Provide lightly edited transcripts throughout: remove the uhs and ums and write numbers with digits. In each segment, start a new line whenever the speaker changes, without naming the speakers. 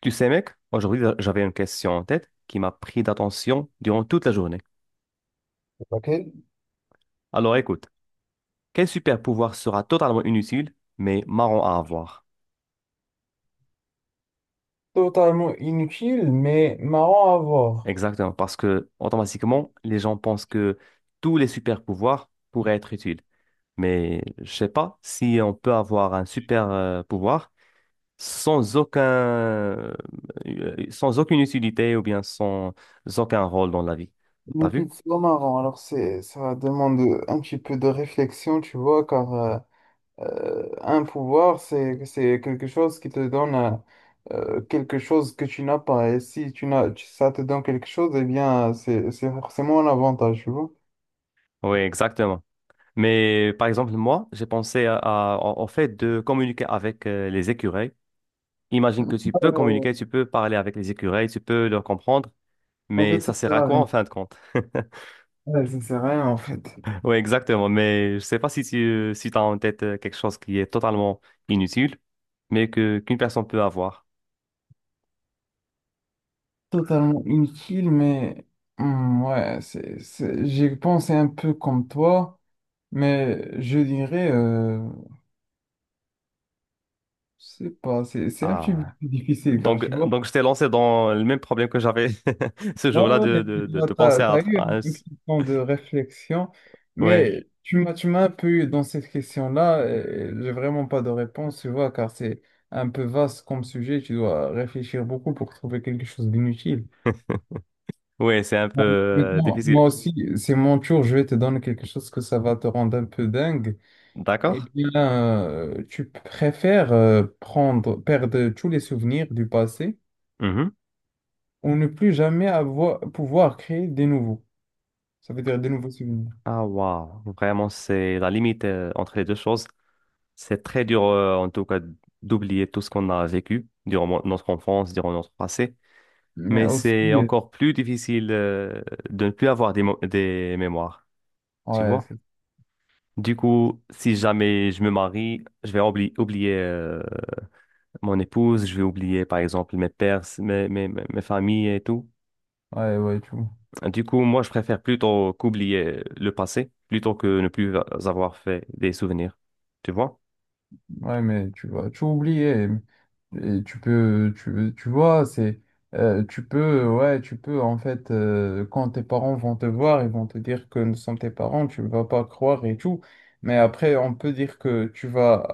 Tu sais, mec, aujourd'hui, j'avais une question en tête qui m'a pris d'attention durant toute la journée.
Ok,
Alors écoute, quel super pouvoir sera totalement inutile, mais marrant à avoir?
totalement inutile, mais marrant à voir.
Exactement, parce que automatiquement, les gens pensent que tous les super pouvoirs pourraient être utiles. Mais je sais pas si on peut avoir un super pouvoir sans aucun, sans aucune utilité ou bien sans aucun rôle dans la vie. T'as
Inutile,
vu?
c'est pas marrant. Alors, ça demande un petit peu de réflexion, tu vois, car un pouvoir, c'est quelque chose qui te donne quelque chose que tu n'as pas. Et si tu n'as, ça te donne quelque chose, eh bien, c'est forcément un avantage, tu vois.
Oui, exactement. Mais par exemple, moi, j'ai pensé au fait de communiquer avec les écureuils. Imagine que tu
Ouais,
peux
ouais.
communiquer, tu peux parler avec les écureuils, tu peux leur comprendre.
En
Mais
fait, ça
ça sert
sert
à
à
quoi en
rien.
fin de compte?
Ouais, ça sert à rien, en fait.
Oui, exactement. Mais je sais pas si t'as en tête quelque chose qui est totalement inutile, mais que qu'une personne peut avoir.
Totalement inutile, mais ouais, j'ai pensé un peu comme toi. Mais je dirais, c'est pas, c'est un petit peu
Ah.
difficile car
Donc,
tu
euh,
vois,
donc je t'ai lancé dans le même problème que j'avais ce
ouais, ouais,
jour-là
ouais,
de,
mais
de,
tu
de,
vois,
de penser
t'as,
à...
t'as eu un petit temps de réflexion,
Ouais.
mais tu m'as un peu eu dans cette question-là, et j'ai vraiment pas de réponse, tu vois, car c'est un peu vaste comme sujet, tu dois réfléchir beaucoup pour trouver quelque chose d'inutile.
Ouais, c'est un peu
Bon, maintenant, moi
difficile.
aussi, c'est mon tour, je vais te donner quelque chose que ça va te rendre un peu dingue. Eh
D'accord?
bien, tu préfères perdre tous les souvenirs du passé
Mhm.
ou ne plus jamais pouvoir créer des nouveaux. Ça veut dire des nouveaux souvenirs.
Ah, waouh. Vraiment, c'est la limite entre les deux choses. C'est très dur, en tout cas, d'oublier tout ce qu'on a vécu durant notre enfance, durant notre passé.
Mais
Mais
aussi,
c'est encore plus difficile de ne plus avoir des mémoires, tu
ouais,
vois. Du coup, si jamais je me marie, je vais oublier mon épouse, je vais oublier par exemple mes pères, mes familles et tout.
ouais, ouais, tu vois.
Du coup, moi, je préfère plutôt qu'oublier le passé, plutôt que ne plus avoir fait des souvenirs, tu vois.
Ouais, mais tu vas tout oublier. Et tu peux, tu vois, tu peux, ouais, tu peux, en fait, quand tes parents vont te voir, ils vont te dire que nous sommes tes parents, tu ne vas pas croire et tout. Mais après, on peut dire que tu vas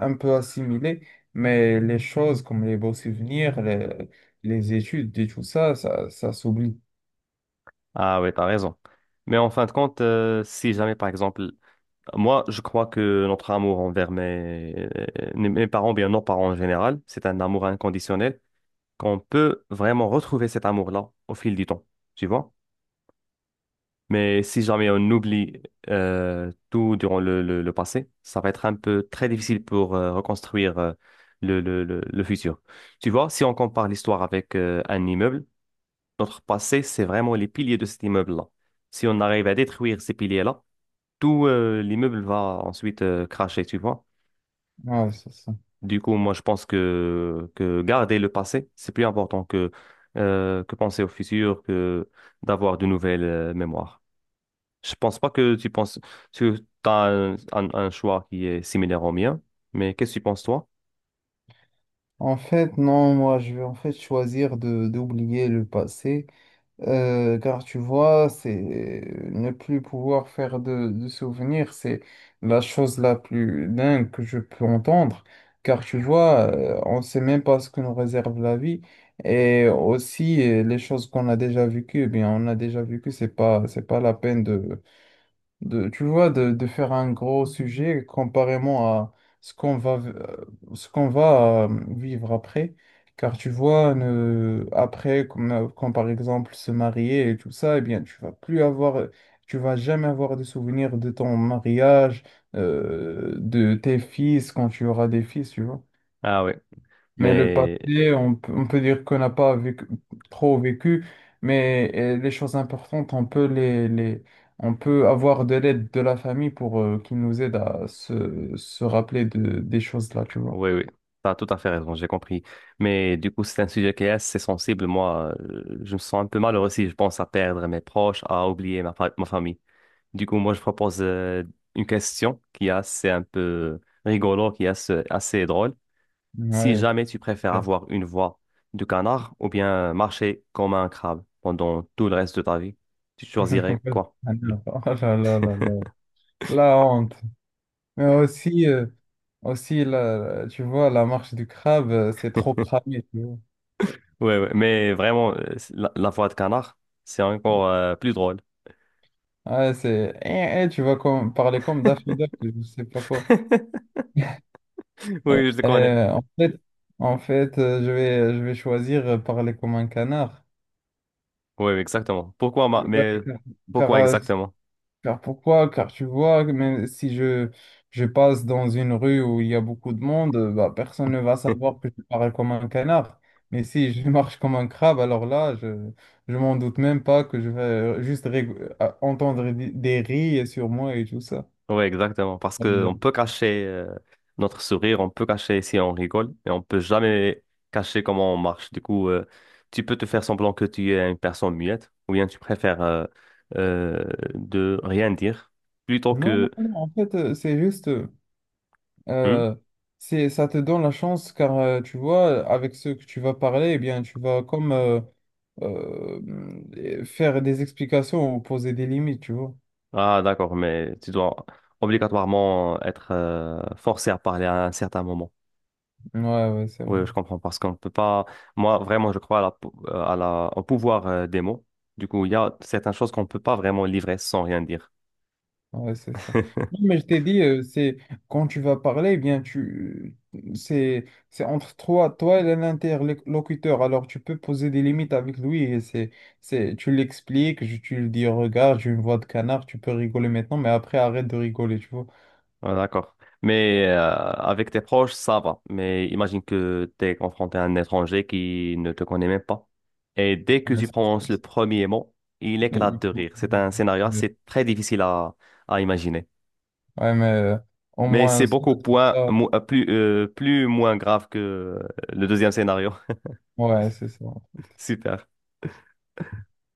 un peu assimiler, mais les choses comme les beaux souvenirs, les études et tout ça, ça s'oublie.
Ah ouais, t'as raison. Mais en fin de compte, si jamais par exemple moi, je crois que notre amour envers mes parents, bien nos parents en général, c'est un amour inconditionnel, qu'on peut vraiment retrouver cet amour-là au fil du temps, tu vois? Mais si jamais on oublie tout durant le passé, ça va être un peu très difficile pour reconstruire le futur. Tu vois, si on compare l'histoire avec un immeuble, notre passé, c'est vraiment les piliers de cet immeuble-là. Si on arrive à détruire ces piliers-là, tout l'immeuble va ensuite cracher, tu vois?
Ouais, c'est ça.
Du coup, moi, je pense que garder le passé, c'est plus important que penser au futur, que d'avoir de nouvelles mémoires. Je pense pas que tu penses, tu as un choix qui est similaire au mien, mais qu'est-ce que tu penses, toi?
En fait, non, moi, je vais en fait choisir de d'oublier le passé. Car tu vois, c'est ne plus pouvoir faire de souvenirs, c'est la chose la plus dingue que je peux entendre. Car tu vois, on ne sait même pas ce que nous réserve la vie. Et aussi, les choses qu'on a déjà vécues, eh bien, on a déjà vécu, c'est pas la peine tu vois, de faire un gros sujet comparément à ce qu'on va, euh, ce qu'on va vivre après. Car tu vois, ne, après, quand par exemple se marier et tout ça, eh bien, tu vas plus avoir, tu vas jamais avoir de souvenirs de ton mariage, de tes fils quand tu auras des fils, tu vois.
Ah oui,
Mais le
mais
passé, on peut dire qu'on n'a pas vécu, trop vécu, mais les choses importantes, on peut avoir de l'aide de la famille pour qu'ils nous aident à se rappeler des choses-là, tu vois.
oui, oui, tu as tout à fait raison, j'ai compris. Mais du coup, c'est un sujet qui est assez sensible. Moi, je me sens un peu malheureux si je pense à perdre mes proches, à oublier ma famille. Du coup, moi, je propose une question qui est assez un peu rigolo, qui est assez, assez drôle. Si jamais tu préfères
Ouais,
avoir une voix de canard ou bien marcher comme un crabe pendant tout le reste de ta vie, tu choisirais quoi?
Ah non. Oh là là là là. La honte. Mais aussi, tu vois, la marche du crabe, c'est trop cramé, tu vois.
Ouais, ouais, mais vraiment, la voix de canard, c'est encore plus drôle.
Ouais, tu vas comme, parler comme Daffy Duck, je sais pas quoi. Euh,
Oui, je te connais.
euh, en fait, en fait, je vais choisir parler comme un canard.
Oui, exactement. Pourquoi, ma-
Ouais,
mais
car,
pourquoi
euh,
exactement?
Car pourquoi? Car tu vois, même si je passe dans une rue où il y a beaucoup de monde, bah, personne ne va savoir que je parle comme un canard. Mais si je marche comme un crabe, alors là, je m'en doute même pas que je vais entendre des rires sur moi et tout ça.
Ouais, exactement. Parce que on
Euh,
peut cacher notre sourire, on peut cacher si on rigole, mais on peut jamais cacher comment on marche. Du coup, tu peux te faire semblant que tu es une personne muette, ou bien tu préfères euh, de rien dire plutôt
Non,
que
non, non, en fait,
hmm.
euh, ça te donne la chance car tu vois, avec ceux que tu vas parler, eh bien, tu vas comme euh, faire des explications ou poser des limites, tu vois.
Ah, d'accord, mais tu dois obligatoirement être forcé à parler à un certain moment.
Ouais, ouais, c'est vrai.
Oui, je comprends parce qu'on peut pas. Moi, vraiment, je crois à la, pou- à la- au pouvoir des mots. Du coup, il y a certaines choses qu'on peut pas vraiment livrer sans rien dire.
Ouais, c'est ça. Non, mais je t'ai dit, c'est quand tu vas parler, eh bien, tu c'est entre toi et l'interlocuteur. Alors, tu peux poser des limites avec lui et c'est tu l'expliques, tu lui dis, regarde, j'ai une voix de canard, tu peux rigoler maintenant, mais après, arrête de rigoler, tu vois.
Ah, d'accord. Mais avec tes proches, ça va. Mais imagine que tu es confronté à un étranger qui ne te connaît même pas. Et dès que
Ouais,
tu
c'est-
prononces le
c'est-
premier mot, il
mais
éclate
il
de
faut-
rire. C'est un scénario
Ouais,
assez très difficile à imaginer.
mais au
Mais c'est
moins, ça,
beaucoup
c'est
point,
ça.
plus, plus moins grave que le deuxième scénario.
Ouais, c'est ça.
Super.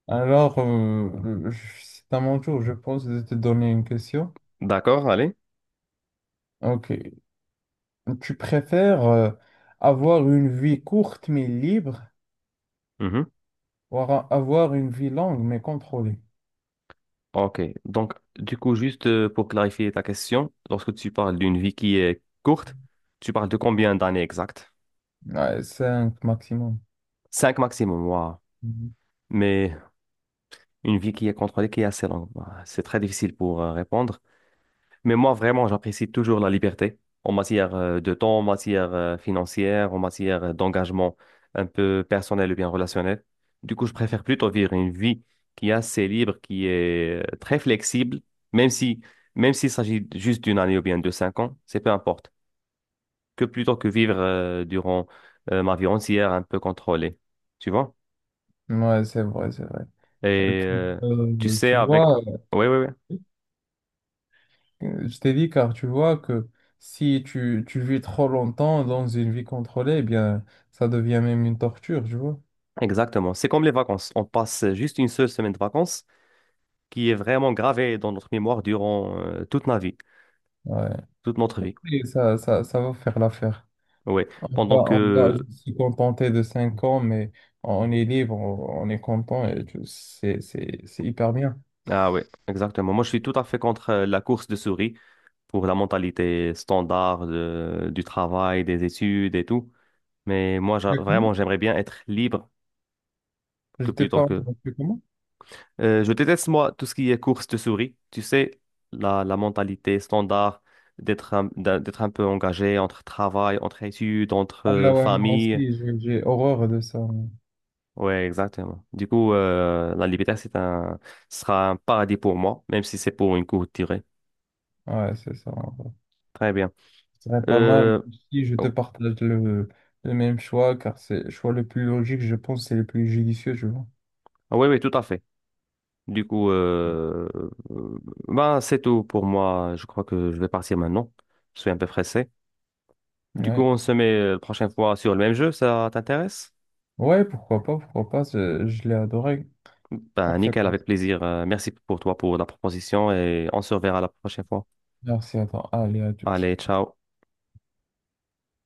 Alors, c'est à mon tour, je pense, de te donner une question.
D'accord, allez.
Ok. Tu préfères avoir une vie courte mais libre
Mhm.
ou avoir une vie longue mais contrôlée?
OK. Donc, du coup, juste pour clarifier ta question, lorsque tu parles d'une vie qui est courte, tu parles de combien d'années exactes?
Ouais, cinq maximum.
Cinq maximum, wow.
Mhm.
Mais une vie qui est contrôlée, qui est assez longue, bah, c'est très difficile pour répondre. Mais moi, vraiment, j'apprécie toujours la liberté en matière de temps, en matière financière, en matière d'engagement un peu personnel ou bien relationnel. Du coup, je préfère plutôt vivre une vie qui est assez libre, qui est très flexible, même si, même s'il s'agit juste d'une année ou bien de 5 ans, c'est peu importe, que plutôt que vivre durant ma vie entière un peu contrôlée. Tu vois?
Ouais, c'est vrai, c'est vrai. Euh,
Et
que-
tu
euh,
sais,
tu
avec...
vois,
Oui, oui, oui,
je t'ai dit car tu vois que si tu vis trop longtemps dans une vie contrôlée, eh bien, ça devient même une torture, tu vois.
exactement. C'est comme les vacances. On passe juste une seule semaine de vacances qui est vraiment gravée dans notre mémoire durant toute ma vie,
Ouais.
toute notre vie.
Et ça va faire l'affaire.
Oui,
On
pendant
va, on va
que...
se contenter de 5 ans, mais on est libre, on est content et c'est hyper bien.
Ah oui, exactement. Moi, je suis tout à fait contre la course de souris pour la mentalité standard du travail, des études et tout. Mais moi,
Mais comment?
vraiment, j'aimerais bien être libre
Je
que
t'ai
plutôt
pas
que...
entendu comment?
Je déteste, moi, tout ce qui est course de souris. Tu sais, la mentalité standard d'être d'être un peu engagé entre travail, entre études, entre
Ah ouais, moi
famille.
aussi, j'ai horreur de ça.
Ouais, exactement. Du coup, la liberté, sera un paradis pour moi, même si c'est pour une courte durée.
Ouais, c'est ça.
Très bien.
Ce serait pas mal
Euh,
si je te
oh,
partage le, même choix, car c'est le choix le plus logique, je pense, c'est le plus judicieux, je vois.
ah oui, oui, tout à fait. Du coup, euh, ben, c'est tout pour moi. Je crois que je vais partir maintenant. Je suis un peu pressé. Du coup,
Ouais.
on se met la prochaine fois sur le même jeu. Ça t'intéresse?
Ouais, pourquoi pas, je l'ai adoré. En
Ben,
fait,
nickel, avec plaisir. Merci pour toi pour la proposition et on se reverra la prochaine fois.
merci à toi. Allez, à toutes.
Allez, ciao.